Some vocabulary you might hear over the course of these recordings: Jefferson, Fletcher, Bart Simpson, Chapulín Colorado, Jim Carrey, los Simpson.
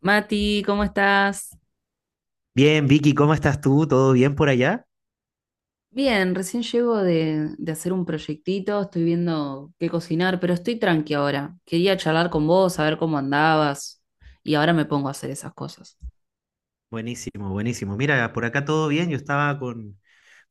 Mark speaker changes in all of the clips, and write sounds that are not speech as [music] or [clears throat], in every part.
Speaker 1: Mati, ¿cómo estás?
Speaker 2: Bien, Vicky, ¿cómo estás tú? ¿Todo bien por allá?
Speaker 1: Bien, recién llego de hacer un proyectito, estoy viendo qué cocinar, pero estoy tranqui ahora. Quería charlar con vos, saber cómo andabas, y ahora me pongo a hacer esas cosas.
Speaker 2: Buenísimo, buenísimo. Mira, por acá todo bien. Yo estaba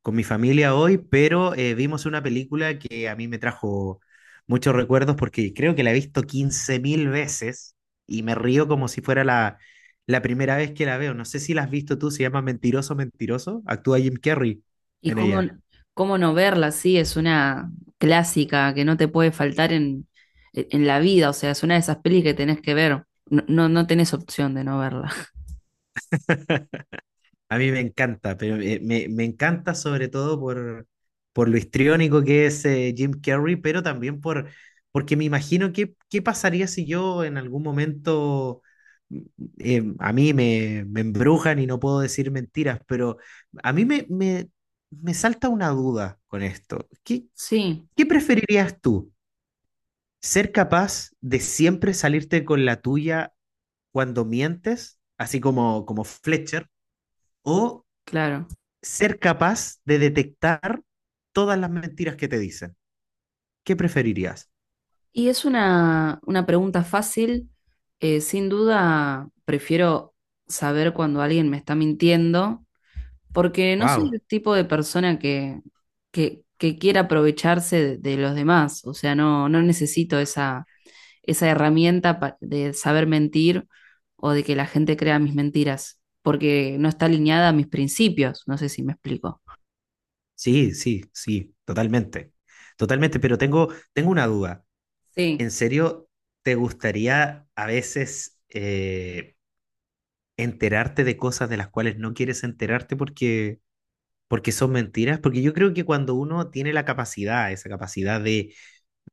Speaker 2: con mi familia hoy, pero vimos una película que a mí me trajo muchos recuerdos porque creo que la he visto 15.000 veces y me río como si fuera la primera vez que la veo. No sé si la has visto tú, se llama Mentiroso, Mentiroso. Actúa Jim Carrey
Speaker 1: Y
Speaker 2: en
Speaker 1: cómo,
Speaker 2: ella.
Speaker 1: ¿Cómo no verla? Sí, es una clásica que no te puede faltar en la vida. O sea, es una de esas pelis que tenés que ver, no, no, no tenés opción de no verla. [laughs]
Speaker 2: A mí me encanta, pero me encanta sobre todo por lo histriónico que es Jim Carrey, pero también por, porque me imagino qué, qué pasaría si yo en algún momento mm, a mí me embrujan y no puedo decir mentiras, pero a mí me salta una duda con esto. ¿Qué,
Speaker 1: Sí,
Speaker 2: qué preferirías tú? ¿Ser capaz de siempre salirte con la tuya cuando mientes, así como, como Fletcher? ¿O
Speaker 1: claro.
Speaker 2: ser capaz de detectar todas las mentiras que te dicen? ¿Qué preferirías?
Speaker 1: Y es una pregunta fácil. Sin duda, prefiero saber cuando alguien me está mintiendo, porque no soy
Speaker 2: Wow.
Speaker 1: el tipo de persona que quiera aprovecharse de los demás. O sea, no, no necesito esa herramienta pa- de saber mentir o de que la gente crea mis mentiras, porque no está alineada a mis principios. No sé si me explico.
Speaker 2: Sí, sí, sí, totalmente. Totalmente, pero tengo, tengo una duda. ¿En
Speaker 1: Sí,
Speaker 2: serio te gustaría a veces enterarte de cosas de las cuales no quieres enterarte porque, porque son mentiras? Porque yo creo que cuando uno tiene la capacidad, esa capacidad de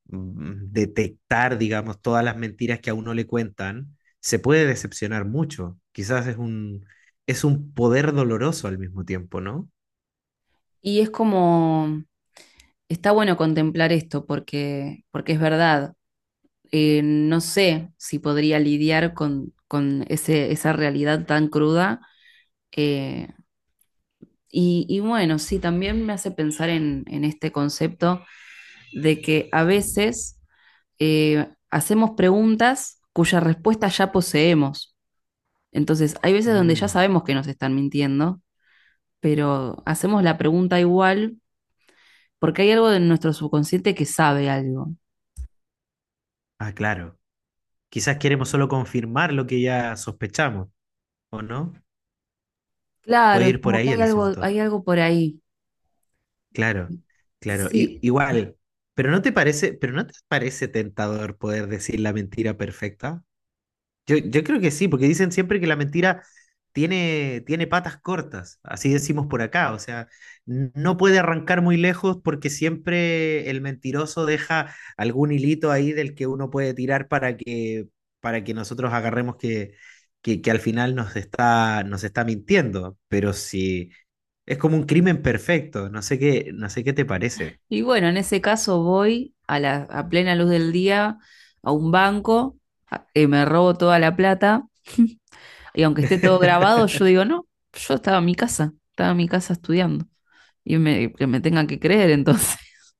Speaker 2: detectar, digamos, todas las mentiras que a uno le cuentan, se puede decepcionar mucho. Quizás es un poder doloroso al mismo tiempo, ¿no?
Speaker 1: y es como, está bueno contemplar esto porque es verdad. No sé si podría lidiar con ese, esa realidad tan cruda. eh, y bueno, sí, también me hace pensar en este concepto de que a veces hacemos preguntas cuya respuesta ya poseemos. Entonces, hay veces donde ya
Speaker 2: Mm,
Speaker 1: sabemos que nos están mintiendo, pero hacemos la pregunta igual porque hay algo de nuestro subconsciente que sabe algo.
Speaker 2: ah, claro. Quizás queremos solo confirmar lo que ya sospechamos, ¿o no?
Speaker 1: Claro,
Speaker 2: Puede
Speaker 1: es
Speaker 2: ir por
Speaker 1: como que
Speaker 2: ahí el asunto.
Speaker 1: hay algo por ahí.
Speaker 2: Claro, claro.
Speaker 1: Sí,
Speaker 2: Igual, pero ¿no te parece, pero no te parece tentador poder decir la mentira perfecta? Yo creo que sí, porque dicen siempre que la mentira tiene, tiene patas cortas, así decimos por acá, o sea, no puede arrancar muy lejos porque siempre el mentiroso deja algún hilito ahí del que uno puede tirar para que nosotros agarremos que al final nos está mintiendo, pero sí, es como un crimen perfecto, no sé qué, no sé qué te parece.
Speaker 1: y bueno, en ese caso voy a a plena luz del día a un banco, me robo toda la plata. [laughs] Y aunque esté todo grabado, yo digo,
Speaker 2: [laughs]
Speaker 1: no, yo estaba en mi casa, estaba en mi casa estudiando que me tengan que creer entonces. [laughs]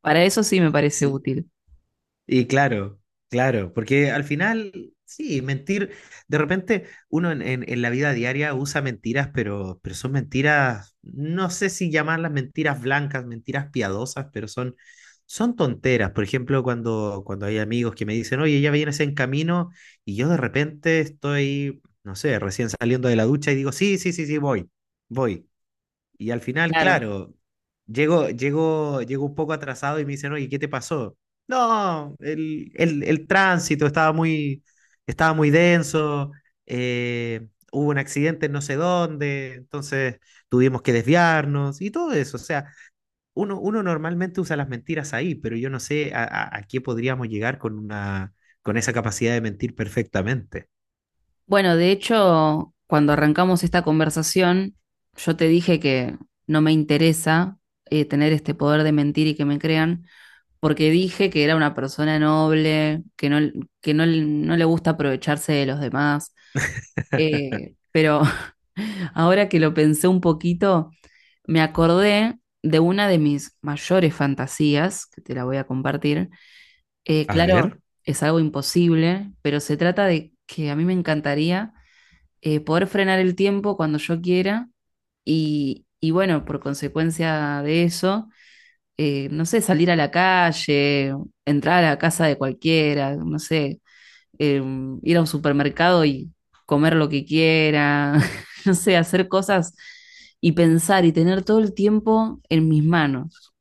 Speaker 1: Para eso sí me parece
Speaker 2: Sí.
Speaker 1: útil.
Speaker 2: Y claro, claro, porque al final, sí, mentir, de repente uno en, en la vida diaria usa mentiras, pero son mentiras, no sé si llamarlas mentiras blancas, mentiras piadosas, pero son, son tonteras. Por ejemplo, cuando, cuando hay amigos que me dicen, oye, ya vienes en camino, y yo de repente estoy, no sé, recién saliendo de la ducha y digo, sí, sí, sí, sí, voy, voy. Y al final,
Speaker 1: Claro.
Speaker 2: claro, llego, llego, llego un poco atrasado y me dicen, oye, ¿qué te pasó? No, el tránsito estaba muy denso, hubo un accidente en no sé dónde, entonces tuvimos que desviarnos y todo eso. O sea, uno, uno normalmente usa las mentiras ahí, pero yo no sé a qué podríamos llegar con una, con esa capacidad de mentir perfectamente.
Speaker 1: Bueno, de hecho, cuando arrancamos esta conversación, yo te dije que no me interesa tener este poder de mentir y que me crean, porque dije que era una persona noble, que no, no le gusta aprovecharse de los demás.
Speaker 2: [laughs]
Speaker 1: Pero [laughs] ahora que lo pensé un poquito, me acordé de una de mis mayores fantasías, que te la voy a compartir.
Speaker 2: A
Speaker 1: Claro,
Speaker 2: ver,
Speaker 1: es algo imposible, pero se trata de que a mí me encantaría poder frenar el tiempo cuando yo quiera. Y bueno, por consecuencia de eso, no sé, salir a la calle, entrar a la casa de cualquiera, no sé, eh, ir a un supermercado y comer lo que quiera, [laughs] no sé, hacer cosas y pensar y tener todo el tiempo en mis manos.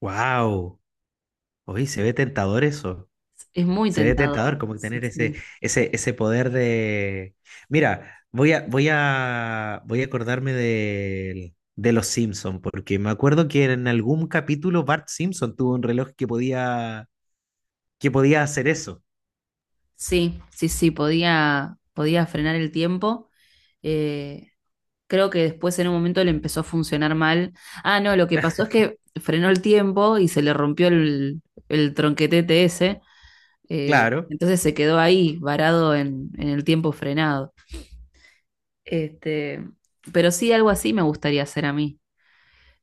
Speaker 2: wow, oye, se ve tentador eso.
Speaker 1: Es muy
Speaker 2: Se ve
Speaker 1: tentador.
Speaker 2: tentador como
Speaker 1: Sí,
Speaker 2: tener ese,
Speaker 1: sí,
Speaker 2: ese, ese poder de... Mira, voy a, voy a, voy a acordarme de, los Simpson, porque me acuerdo que en algún capítulo Bart Simpson tuvo un reloj que podía hacer eso.
Speaker 1: sí, sí, sí, podía, podía frenar el tiempo. Eh, Creo que después en un momento le empezó a funcionar mal. Ah, no, lo que pasó es que frenó el tiempo y se le rompió el tronquetete ese.
Speaker 2: Claro,
Speaker 1: Entonces se quedó ahí, varado en el tiempo frenado. Este, pero sí, algo así me gustaría hacer a mí.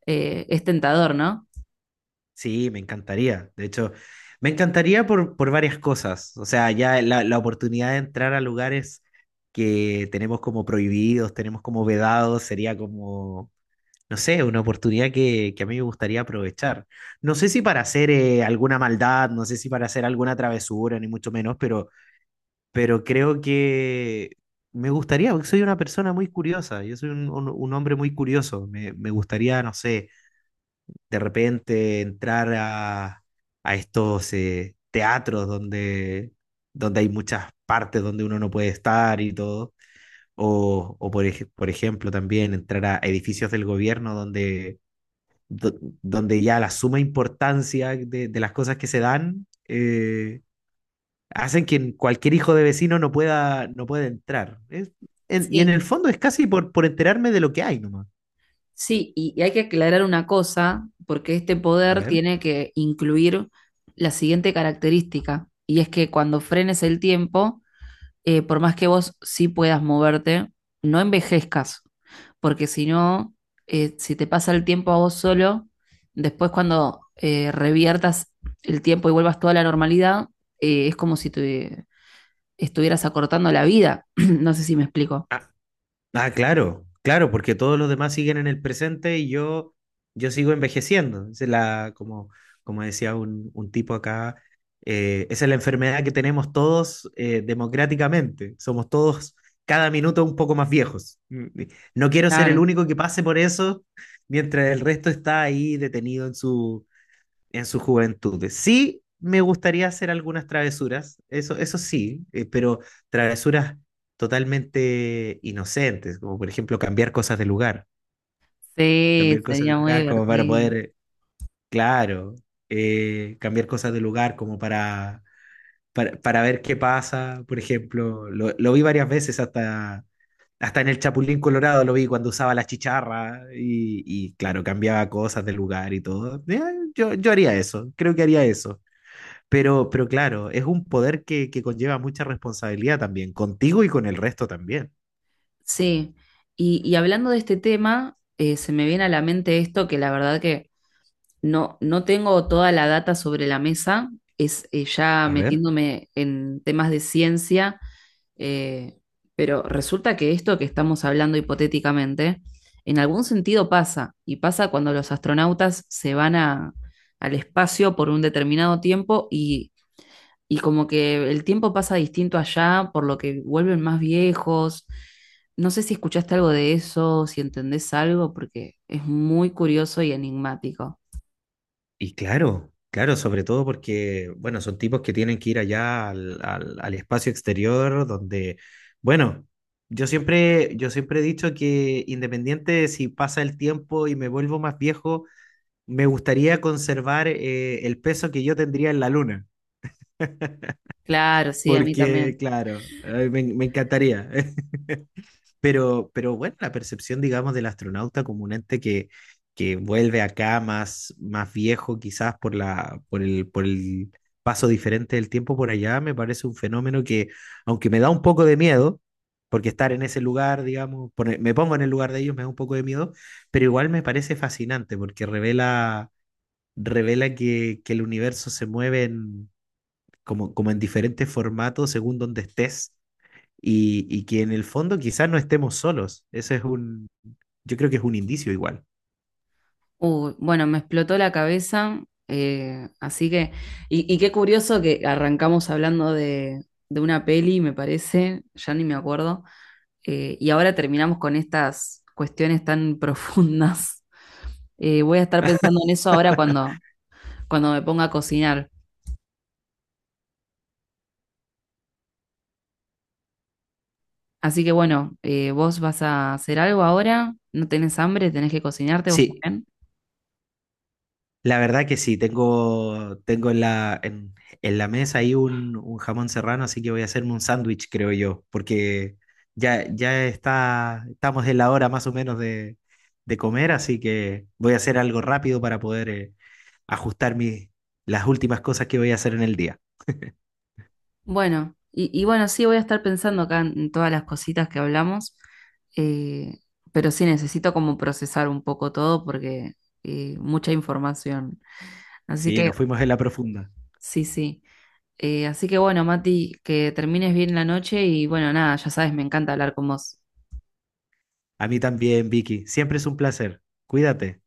Speaker 1: Es tentador, ¿no?
Speaker 2: sí, me encantaría. De hecho, me encantaría por varias cosas. O sea, ya la oportunidad de entrar a lugares que tenemos como prohibidos, tenemos como vedados, sería como no sé, una oportunidad que a mí me gustaría aprovechar. No sé si para hacer alguna maldad, no sé si para hacer alguna travesura, ni mucho menos, pero creo que me gustaría, porque soy una persona muy curiosa, yo soy un, un hombre muy curioso, me gustaría, no sé, de repente entrar a estos teatros donde, donde hay muchas partes donde uno no puede estar y todo. O por, por ejemplo, también entrar a edificios del gobierno donde do- donde ya la suma importancia de las cosas que se dan hacen que cualquier hijo de vecino no pueda, no pueda entrar. Y en
Speaker 1: Sí,
Speaker 2: el fondo es casi por enterarme de lo que hay nomás.
Speaker 1: sí, y hay que aclarar una cosa, porque este
Speaker 2: A
Speaker 1: poder
Speaker 2: ver.
Speaker 1: tiene que incluir la siguiente característica, y es que cuando frenes el tiempo, por más que vos sí puedas moverte, no envejezcas, porque si no, si te pasa el tiempo a vos solo, después cuando reviertas el tiempo y vuelvas toda la normalidad, es como si te estuvieras acortando la vida. [clears throat] No sé si me explico.
Speaker 2: Ah, ah, claro, claro, porque todos los demás siguen en el presente y yo sigo envejeciendo. Esa es la, como, como decía un tipo acá, esa es la enfermedad que tenemos todos democráticamente. Somos todos cada minuto un poco más viejos. No quiero ser el
Speaker 1: Claro,
Speaker 2: único que pase por eso mientras el resto está ahí detenido en su juventud. Sí, me gustaría hacer algunas travesuras, eso sí, pero travesuras totalmente inocentes, como por ejemplo cambiar cosas de lugar,
Speaker 1: sí,
Speaker 2: cambiar cosas de
Speaker 1: sería muy
Speaker 2: lugar como para
Speaker 1: divertido.
Speaker 2: poder, claro, cambiar cosas de lugar como para ver qué pasa, por ejemplo, lo vi varias veces hasta hasta en el Chapulín Colorado lo vi cuando usaba la chicharra y claro, cambiaba cosas de lugar y todo. Yo, yo haría eso, creo que haría eso. Pero claro, es un poder que conlleva mucha responsabilidad también, contigo y con el resto también.
Speaker 1: Sí, y hablando de este tema, se me viene a la mente esto que la verdad que no, no tengo toda la data sobre la mesa. Es ya
Speaker 2: A ver.
Speaker 1: metiéndome en temas de ciencia, eh, pero resulta que esto que estamos hablando hipotéticamente, en algún sentido pasa, y pasa cuando los astronautas se van al espacio por un determinado tiempo y como que el tiempo pasa distinto allá, por lo que vuelven más viejos. No sé si escuchaste algo de eso, si entendés algo, porque es muy curioso y enigmático.
Speaker 2: Y claro, claro, sobre todo porque, bueno, son tipos que tienen que ir allá al, al espacio exterior donde, bueno, yo siempre he dicho que independiente de si pasa el tiempo y me vuelvo más viejo, me gustaría conservar el peso que yo tendría en la luna,
Speaker 1: Claro, sí, a mí
Speaker 2: porque,
Speaker 1: también.
Speaker 2: claro, me, me encantaría. [laughs] Pero bueno, la percepción, digamos, del astronauta como un ente que vuelve acá más, más viejo, quizás por la, por el paso diferente del tiempo por allá, me parece un fenómeno que, aunque me da un poco de miedo, porque estar en ese lugar, digamos, me pongo en el lugar de ellos, me da un poco de miedo, pero igual me parece fascinante porque revela, revela que el universo se mueve como, como en diferentes formatos según donde estés y que en el fondo quizás no estemos solos. Ese es un, yo creo que es un indicio igual.
Speaker 1: Uy, bueno, me explotó la cabeza, así que, y qué curioso que arrancamos hablando de una peli, me parece, ya ni me acuerdo, y ahora terminamos con estas cuestiones tan [laughs] profundas. Voy a estar pensando en eso ahora cuando, cuando me ponga a cocinar. Así que bueno, ¿vos vas a hacer algo ahora? ¿No tenés hambre? ¿Tenés que cocinarte vos
Speaker 2: Sí,
Speaker 1: también?
Speaker 2: la verdad que sí, tengo, tengo en la mesa ahí un jamón serrano, así que voy a hacerme un sándwich, creo yo, porque ya, ya está, estamos en la hora más o menos de comer, así que voy a hacer algo rápido para poder ajustar mis, las últimas cosas que voy a hacer en el día.
Speaker 1: Bueno, y bueno, sí voy a estar pensando acá en todas las cositas que hablamos, eh, pero sí necesito como procesar un poco todo porque mucha información. Así
Speaker 2: Sí,
Speaker 1: que,
Speaker 2: nos fuimos en la profunda.
Speaker 1: sí, sí. Así que bueno, Mati, que termines bien la noche y bueno, nada, ya sabes, me encanta hablar con vos.
Speaker 2: A mí también, Vicky. Siempre es un placer. Cuídate.